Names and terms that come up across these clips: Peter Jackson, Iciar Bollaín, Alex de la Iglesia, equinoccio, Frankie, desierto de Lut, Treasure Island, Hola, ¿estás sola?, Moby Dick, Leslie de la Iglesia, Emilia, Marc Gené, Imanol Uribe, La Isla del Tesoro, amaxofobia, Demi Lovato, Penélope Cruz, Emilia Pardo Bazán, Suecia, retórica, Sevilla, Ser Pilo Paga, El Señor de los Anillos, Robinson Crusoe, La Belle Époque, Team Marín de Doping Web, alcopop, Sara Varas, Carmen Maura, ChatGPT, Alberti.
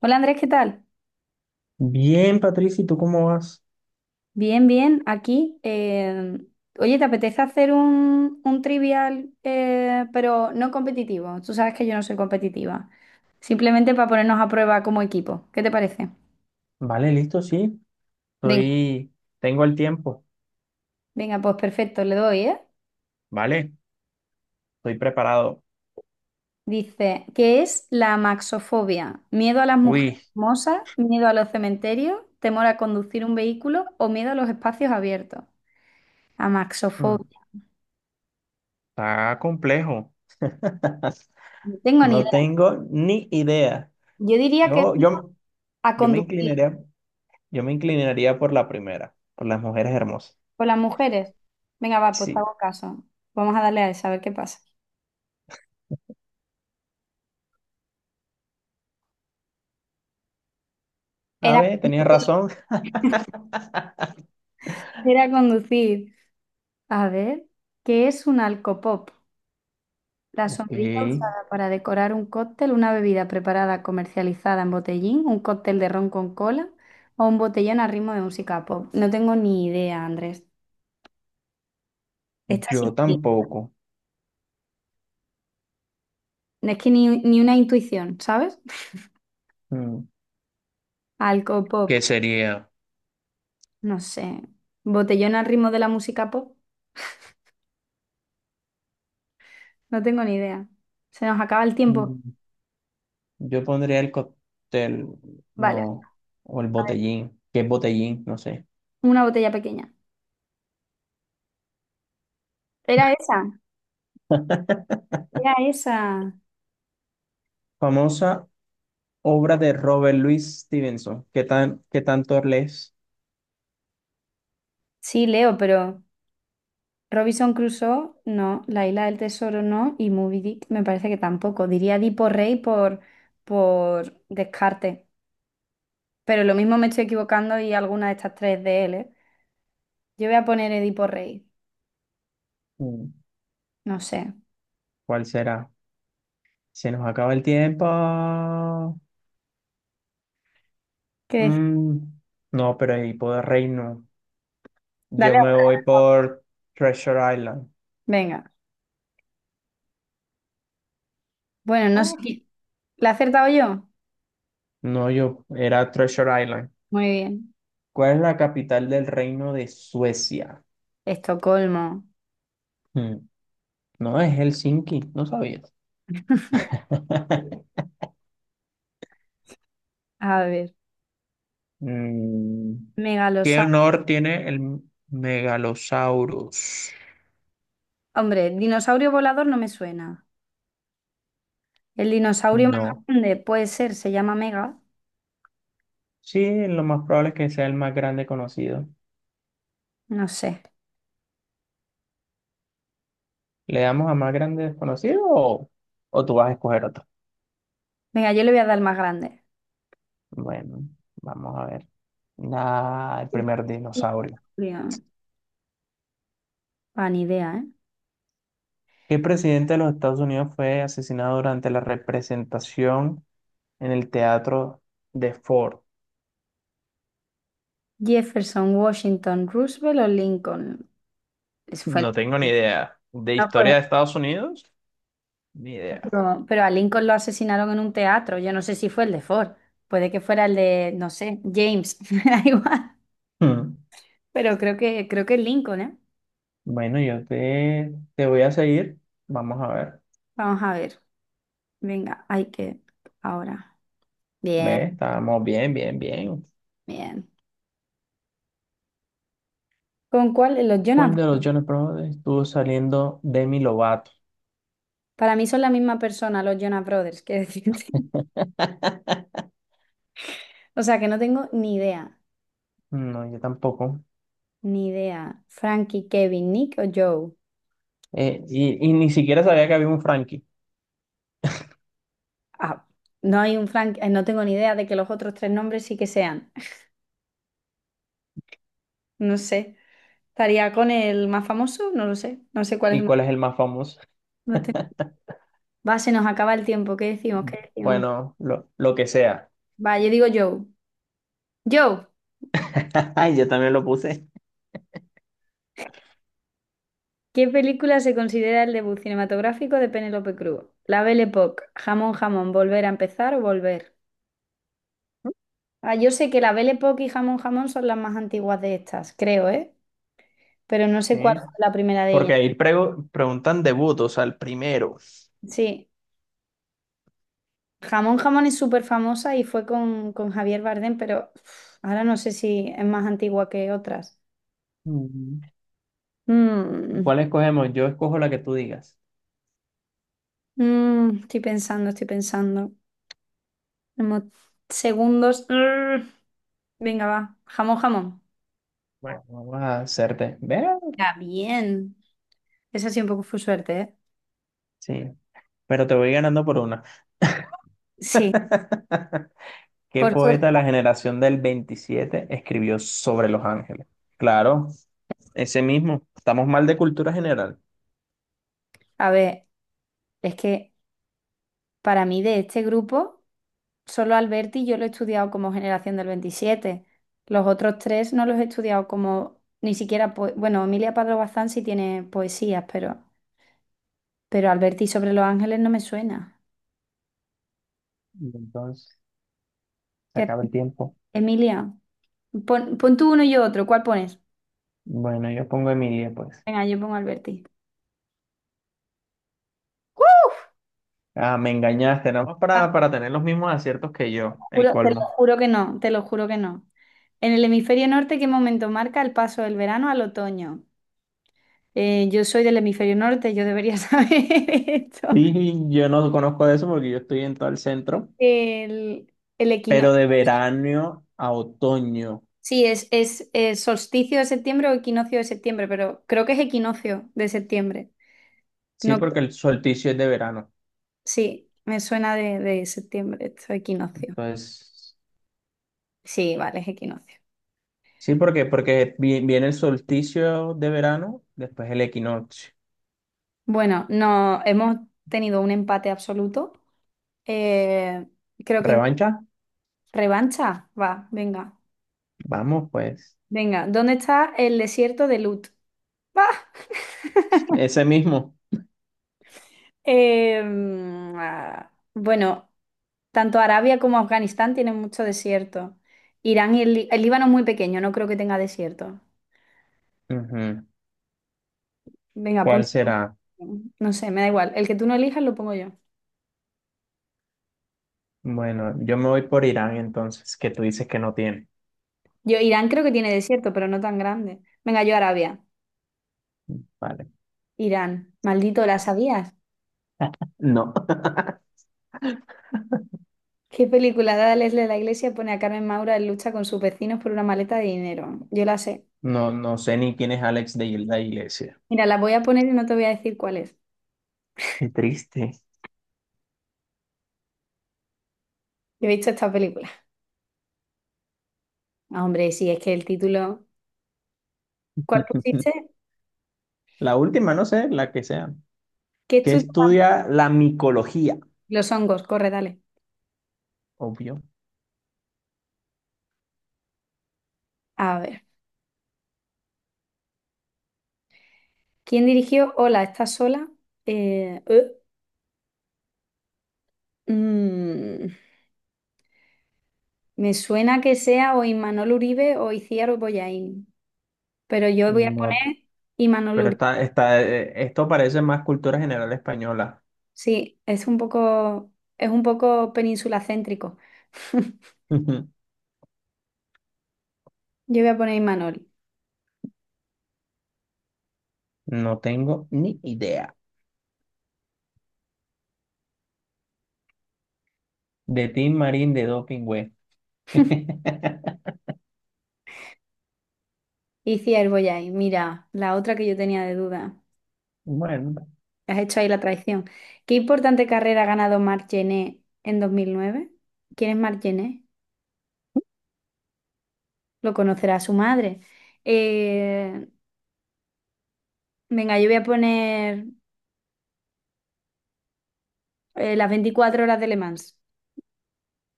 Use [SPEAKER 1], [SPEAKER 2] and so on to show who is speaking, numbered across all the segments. [SPEAKER 1] Hola Andrés, ¿qué tal?
[SPEAKER 2] Bien, Patricia, ¿y tú cómo vas?
[SPEAKER 1] Bien, bien, aquí. Oye, ¿te apetece hacer un trivial, pero no competitivo? Tú sabes que yo no soy competitiva. Simplemente para ponernos a prueba como equipo. ¿Qué te parece?
[SPEAKER 2] Vale, listo, sí.
[SPEAKER 1] Venga,
[SPEAKER 2] Estoy, tengo el tiempo,
[SPEAKER 1] venga, pues perfecto, le doy, ¿eh?
[SPEAKER 2] ¿vale? Estoy preparado.
[SPEAKER 1] Dice, ¿qué es la amaxofobia? ¿Miedo a las mujeres
[SPEAKER 2] Uy,
[SPEAKER 1] hermosas? ¿Miedo a los cementerios? ¿Temor a conducir un vehículo? ¿O miedo a los espacios abiertos?
[SPEAKER 2] mm,
[SPEAKER 1] Amaxofobia.
[SPEAKER 2] está complejo.
[SPEAKER 1] No tengo ni
[SPEAKER 2] No
[SPEAKER 1] idea.
[SPEAKER 2] tengo ni idea.
[SPEAKER 1] Yo diría que es
[SPEAKER 2] Yo,
[SPEAKER 1] miedo
[SPEAKER 2] yo,
[SPEAKER 1] a
[SPEAKER 2] yo me
[SPEAKER 1] conducir.
[SPEAKER 2] inclinaría, yo me inclinaría por la primera, por las mujeres hermosas.
[SPEAKER 1] Con las mujeres. Venga, va, pues te
[SPEAKER 2] Sí.
[SPEAKER 1] hago caso. Vamos a darle a esa, a ver qué pasa.
[SPEAKER 2] A
[SPEAKER 1] Era,
[SPEAKER 2] ver, tenía razón.
[SPEAKER 1] era conducir. A ver, ¿qué es un alcopop? La
[SPEAKER 2] Ok,
[SPEAKER 1] sombrilla usada para decorar un cóctel, una bebida preparada, comercializada en botellín, un cóctel de ron con cola o un botellón a ritmo de música pop. No tengo ni idea, Andrés. Esta sí
[SPEAKER 2] yo
[SPEAKER 1] que-
[SPEAKER 2] tampoco.
[SPEAKER 1] Es que ni una intuición, ¿sabes?
[SPEAKER 2] Mm, ¿qué
[SPEAKER 1] Alcopop,
[SPEAKER 2] sería?
[SPEAKER 1] no sé. Botellón al ritmo de la música pop, no tengo ni idea. Se nos acaba el tiempo.
[SPEAKER 2] Yo pondría el cóctel,
[SPEAKER 1] Vale.
[SPEAKER 2] no, o el botellín, que es botellín, no sé.
[SPEAKER 1] Una botella pequeña. Era esa, era esa.
[SPEAKER 2] Famosa obra de Robert Louis Stevenson. ¿Qué tanto lees?
[SPEAKER 1] Sí, leo, pero Robinson Crusoe, no. La Isla del Tesoro, no. Y Moby Dick, me parece que tampoco. Diría Edipo Rey por descarte. Pero lo mismo me estoy equivocando y alguna de estas tres de él, ¿eh? Yo voy a poner Edipo Rey.
[SPEAKER 2] Mm,
[SPEAKER 1] No sé.
[SPEAKER 2] ¿cuál será? Se nos acaba el tiempo.
[SPEAKER 1] ¿Qué decir?
[SPEAKER 2] Mm, no, pero ahí puedo reino. Yo
[SPEAKER 1] Dale
[SPEAKER 2] me voy
[SPEAKER 1] otra.
[SPEAKER 2] por Treasure Island.
[SPEAKER 1] Venga. Bueno, no sé.
[SPEAKER 2] Ah.
[SPEAKER 1] Qui- ¿La he acertado yo?
[SPEAKER 2] No, yo era Treasure Island.
[SPEAKER 1] Muy bien.
[SPEAKER 2] ¿Cuál es la capital del reino de Suecia?
[SPEAKER 1] Estocolmo.
[SPEAKER 2] Mm, no, es Helsinki, no sabías.
[SPEAKER 1] A ver.
[SPEAKER 2] Mm, ¿qué honor tiene el megalosaurus?
[SPEAKER 1] Hombre, dinosaurio volador no me suena. El dinosaurio más
[SPEAKER 2] No.
[SPEAKER 1] grande puede ser, se llama Mega,
[SPEAKER 2] Sí, lo más probable es que sea el más grande conocido.
[SPEAKER 1] no sé.
[SPEAKER 2] ¿Le damos a más grande desconocido o tú vas a escoger otro?
[SPEAKER 1] Venga, yo le voy a dar el más grande.
[SPEAKER 2] Bueno, vamos a ver. Ah, el primer dinosaurio.
[SPEAKER 1] Dinosaurio. Ah, ni idea, ¿eh?
[SPEAKER 2] ¿Qué presidente de los Estados Unidos fue asesinado durante la representación en el teatro de Ford?
[SPEAKER 1] Jefferson, Washington, Roosevelt o Lincoln. Eso fue
[SPEAKER 2] No tengo ni
[SPEAKER 1] Lincoln.
[SPEAKER 2] idea. ¿De
[SPEAKER 1] No fue.
[SPEAKER 2] historia de Estados Unidos? Ni idea.
[SPEAKER 1] Pero a Lincoln lo asesinaron en un teatro. Yo no sé si fue el de Ford. Puede que fuera el de, no sé, James. Me da igual.
[SPEAKER 2] Hmm.
[SPEAKER 1] Pero creo que es Lincoln, ¿eh?
[SPEAKER 2] Bueno, te voy a seguir. Vamos a ver.
[SPEAKER 1] Vamos a ver. Venga, hay que. Ahora. Bien,
[SPEAKER 2] Ve, estábamos bien, bien, bien.
[SPEAKER 1] bien. ¿Con cuál? Los Jonas
[SPEAKER 2] ¿Cuál de los
[SPEAKER 1] Brothers.
[SPEAKER 2] Jonas Brothers estuvo saliendo Demi Lovato?
[SPEAKER 1] Para mí son la misma persona, los Jonas Brothers, que decirte. O sea que no tengo ni idea,
[SPEAKER 2] No, yo tampoco.
[SPEAKER 1] ni idea. Frankie, Kevin, Nick o Joe.
[SPEAKER 2] Y ni siquiera sabía que había un Frankie.
[SPEAKER 1] Ah, no hay un Frank, no tengo ni idea de que los otros tres nombres sí que sean. No sé. ¿Estaría con el más famoso? No lo sé. No sé cuál es
[SPEAKER 2] ¿Y
[SPEAKER 1] el más.
[SPEAKER 2] cuál es el más famoso?
[SPEAKER 1] No tengo- Va, se nos acaba el tiempo. ¿Qué decimos? ¿Qué decimos?
[SPEAKER 2] Bueno, lo que sea.
[SPEAKER 1] Va, yo digo Joe. Joe,
[SPEAKER 2] Ay, yo también lo puse.
[SPEAKER 1] ¿qué película se considera el debut cinematográfico de Penélope Cruz? La Belle Époque, Jamón Jamón, Volver a empezar o Volver. Ah, yo sé que la Belle Époque y Jamón Jamón son las más antiguas de estas, creo, ¿eh? Pero no sé cuál
[SPEAKER 2] ¿Sí?
[SPEAKER 1] fue la primera de ellas.
[SPEAKER 2] Porque ahí preguntan debut, o sea, el primero.
[SPEAKER 1] Sí, Jamón Jamón es súper famosa y fue con Javier Bardem, pero uf, ahora no sé si es más antigua que otras.
[SPEAKER 2] Mm,
[SPEAKER 1] Mm,
[SPEAKER 2] ¿cuál escogemos? Yo escojo la que tú digas.
[SPEAKER 1] Estoy pensando, estoy pensando. Como segundos. Venga, va. Jamón Jamón.
[SPEAKER 2] Bueno, vamos a hacerte. ¿Ve?
[SPEAKER 1] Ya, bien. Esa sí un poco fue suerte, ¿eh?
[SPEAKER 2] Sí, pero te voy ganando por una.
[SPEAKER 1] Sí,
[SPEAKER 2] ¿Qué
[SPEAKER 1] por suerte.
[SPEAKER 2] poeta de la generación del 27 escribió sobre Los Ángeles? Claro, ese mismo. Estamos mal de cultura general.
[SPEAKER 1] A ver, es que para mí, de este grupo, solo Alberti yo lo he estudiado como generación del 27. Los otros tres no los he estudiado como ni siquiera, poe- bueno, Emilia Pardo Bazán sí tiene poesías, pero Alberti sobre los ángeles no me suena.
[SPEAKER 2] Y entonces, se
[SPEAKER 1] ¿Qué-
[SPEAKER 2] acaba el tiempo.
[SPEAKER 1] Emilia, pon tú uno y yo otro, ¿cuál pones?
[SPEAKER 2] Bueno, yo pongo Emilia, pues.
[SPEAKER 1] Venga, yo pongo Alberti.
[SPEAKER 2] Ah, me engañaste, nada más
[SPEAKER 1] Ah,
[SPEAKER 2] para tener los mismos aciertos que yo, el
[SPEAKER 1] juro- te lo
[SPEAKER 2] colmo.
[SPEAKER 1] juro que no, te lo juro que no. En el hemisferio norte, ¿qué momento marca el paso del verano al otoño? Yo soy del hemisferio norte, yo debería saber esto.
[SPEAKER 2] Y yo no conozco eso porque yo estoy en todo el centro,
[SPEAKER 1] El, el equino.
[SPEAKER 2] pero de verano a otoño.
[SPEAKER 1] Sí, es solsticio de septiembre o equinoccio de septiembre, pero creo que es equinoccio de septiembre.
[SPEAKER 2] Sí,
[SPEAKER 1] No,
[SPEAKER 2] porque
[SPEAKER 1] cre-
[SPEAKER 2] el solsticio es de verano.
[SPEAKER 1] sí, me suena de septiembre, esto equinoccio.
[SPEAKER 2] Entonces.
[SPEAKER 1] Sí, vale, es equinoccio.
[SPEAKER 2] Porque viene el solsticio de verano, después el equinoccio.
[SPEAKER 1] Bueno, no, hemos tenido un empate absoluto. Eh, Creo que
[SPEAKER 2] ¿Revancha?
[SPEAKER 1] revancha. Va, venga.
[SPEAKER 2] Vamos, pues.
[SPEAKER 1] Venga, ¿dónde está el desierto de Lut? Va.
[SPEAKER 2] Ese mismo.
[SPEAKER 1] Ah, bueno, tanto Arabia como Afganistán tienen mucho desierto. Irán y el Líbano es muy pequeño, no creo que tenga desierto.
[SPEAKER 2] Ujú.
[SPEAKER 1] Venga,
[SPEAKER 2] ¿Cuál
[SPEAKER 1] ponte.
[SPEAKER 2] será?
[SPEAKER 1] No sé, me da igual. El que tú no elijas lo pongo yo.
[SPEAKER 2] Bueno, yo me voy por Irán entonces, que tú dices que no tiene.
[SPEAKER 1] Yo, Irán creo que tiene desierto, pero no tan grande. Venga, yo Arabia.
[SPEAKER 2] Vale.
[SPEAKER 1] Irán. Maldito, ¿la sabías?
[SPEAKER 2] No,
[SPEAKER 1] ¿Qué película de Leslie de la Iglesia pone a Carmen Maura en lucha con sus vecinos por una maleta de dinero? Yo la sé.
[SPEAKER 2] no, no sé ni quién es Alex de la Iglesia.
[SPEAKER 1] Mira, la voy a poner y no te voy a decir cuál es.
[SPEAKER 2] Qué triste.
[SPEAKER 1] Yo he visto esta película. Ah, hombre, sí, es que el título. ¿Cuál pusiste?
[SPEAKER 2] La última, no sé, la que sea.
[SPEAKER 1] ¿Qué
[SPEAKER 2] Que
[SPEAKER 1] estudio?
[SPEAKER 2] estudia la micología,
[SPEAKER 1] Los hongos, corre, dale.
[SPEAKER 2] obvio.
[SPEAKER 1] A ver. ¿Quién dirigió Hola, ¿estás sola? Eh, eh, mm, Me suena que sea o Imanol Uribe o Iciar Bollaín, pero yo voy a
[SPEAKER 2] No,
[SPEAKER 1] poner Imanol
[SPEAKER 2] pero
[SPEAKER 1] Uribe.
[SPEAKER 2] está, esto parece más cultura general española.
[SPEAKER 1] Sí, es un poco, península céntrico. Yo voy a poner Imanol.
[SPEAKER 2] No tengo ni idea. De Team Marín de Doping Web.
[SPEAKER 1] Iciar Bollaín, mira, la otra que yo tenía de duda.
[SPEAKER 2] Bueno,
[SPEAKER 1] Has hecho ahí la traición. ¿Qué importante carrera ha ganado Marc Gené en 2009? ¿Quién es Marc Gené? Lo conocerá su madre. Eh, Venga, yo voy a poner las 24 horas de Le Mans,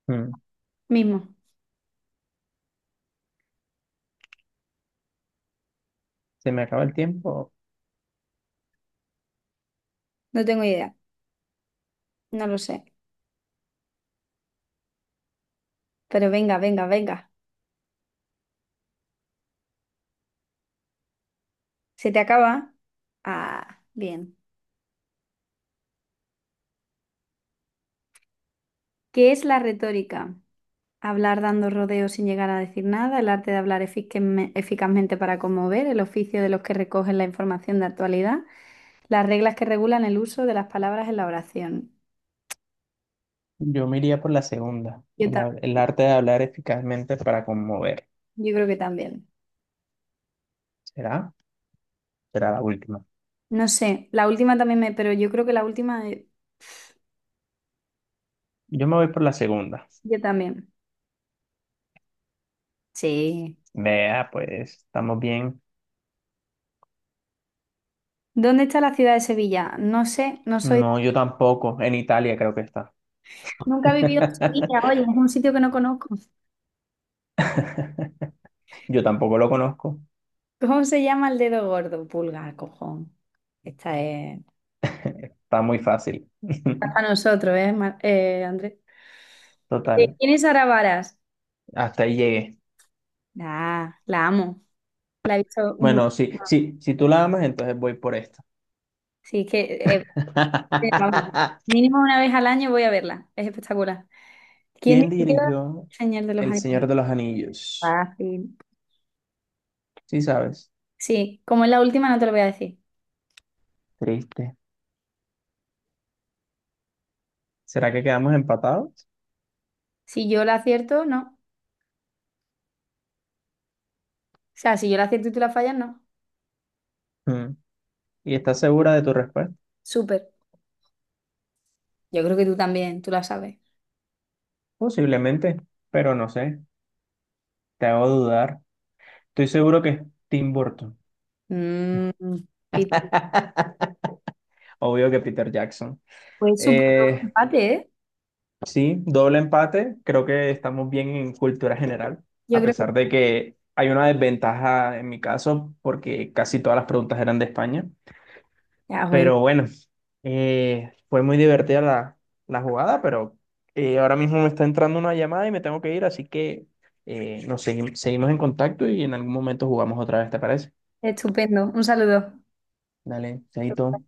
[SPEAKER 2] mm,
[SPEAKER 1] mismo.
[SPEAKER 2] se me acaba el tiempo.
[SPEAKER 1] No tengo idea, no lo sé. Pero venga, venga, venga. ¿Se te acaba? Ah, bien. ¿Qué es la retórica? Hablar dando rodeos sin llegar a decir nada, el arte de hablar eficazmente para conmover, el oficio de los que recogen la información de actualidad, las reglas que regulan el uso de las palabras en la oración.
[SPEAKER 2] Yo me iría por la segunda.
[SPEAKER 1] Yo,
[SPEAKER 2] El,
[SPEAKER 1] ta-
[SPEAKER 2] el arte de hablar eficazmente para conmover.
[SPEAKER 1] yo creo que también.
[SPEAKER 2] ¿Será? Será la última.
[SPEAKER 1] No sé, la última también me, pero yo creo que la última
[SPEAKER 2] Yo me voy por la segunda.
[SPEAKER 1] yo también. Sí.
[SPEAKER 2] Vea, pues, estamos bien.
[SPEAKER 1] ¿Dónde está la ciudad de Sevilla? No sé, no soy.
[SPEAKER 2] No, yo tampoco. En Italia creo que está.
[SPEAKER 1] Nunca he vivido en Sevilla, oye, es un sitio que no conozco.
[SPEAKER 2] Yo tampoco lo conozco.
[SPEAKER 1] ¿Cómo se llama el dedo gordo? Pulgar, cojón. Esta es
[SPEAKER 2] Está muy fácil.
[SPEAKER 1] para nosotros, ¿eh, Andrés?
[SPEAKER 2] Total.
[SPEAKER 1] ¿Quién es Sara Varas?
[SPEAKER 2] Hasta ahí llegué.
[SPEAKER 1] Ah, la amo. La he visto mucho.
[SPEAKER 2] Bueno, sí, sí, si tú la amas, entonces voy por esta.
[SPEAKER 1] Sí, es que, eh, vamos, mínimo una vez al año voy a verla. Es espectacular. ¿Quién
[SPEAKER 2] ¿Quién
[SPEAKER 1] diría
[SPEAKER 2] dirigió
[SPEAKER 1] señal de los
[SPEAKER 2] El Señor
[SPEAKER 1] animales?
[SPEAKER 2] de los Anillos?
[SPEAKER 1] Fácil.
[SPEAKER 2] Sí, sabes.
[SPEAKER 1] Sí, como es la última, no te lo voy a decir.
[SPEAKER 2] Triste. ¿Será que quedamos empatados?
[SPEAKER 1] Si yo la acierto, no. O sea, si yo la acierto y tú la fallas, no.
[SPEAKER 2] Mm. ¿Y estás segura de tu respuesta?
[SPEAKER 1] Súper. Yo creo que tú también, tú la sabes.
[SPEAKER 2] Posiblemente, pero no sé. Te hago dudar. Estoy seguro que es Tim Burton.
[SPEAKER 1] Mm, pi-
[SPEAKER 2] Obvio que Peter Jackson.
[SPEAKER 1] pues súper, ¿no?
[SPEAKER 2] Eh,
[SPEAKER 1] Empate, ¿eh?
[SPEAKER 2] sí, doble empate. Creo que estamos bien en cultura general,
[SPEAKER 1] Yo
[SPEAKER 2] a
[SPEAKER 1] creo que.
[SPEAKER 2] pesar de que hay una desventaja en mi caso porque casi todas las preguntas eran de España.
[SPEAKER 1] Ya, bueno.
[SPEAKER 2] Pero bueno, fue muy divertida la jugada, pero ahora mismo me está entrando una llamada y me tengo que ir, así que nos seguimos en contacto y en algún momento jugamos otra vez, ¿te parece?
[SPEAKER 1] Estupendo. Un saludo.
[SPEAKER 2] Dale, chaito.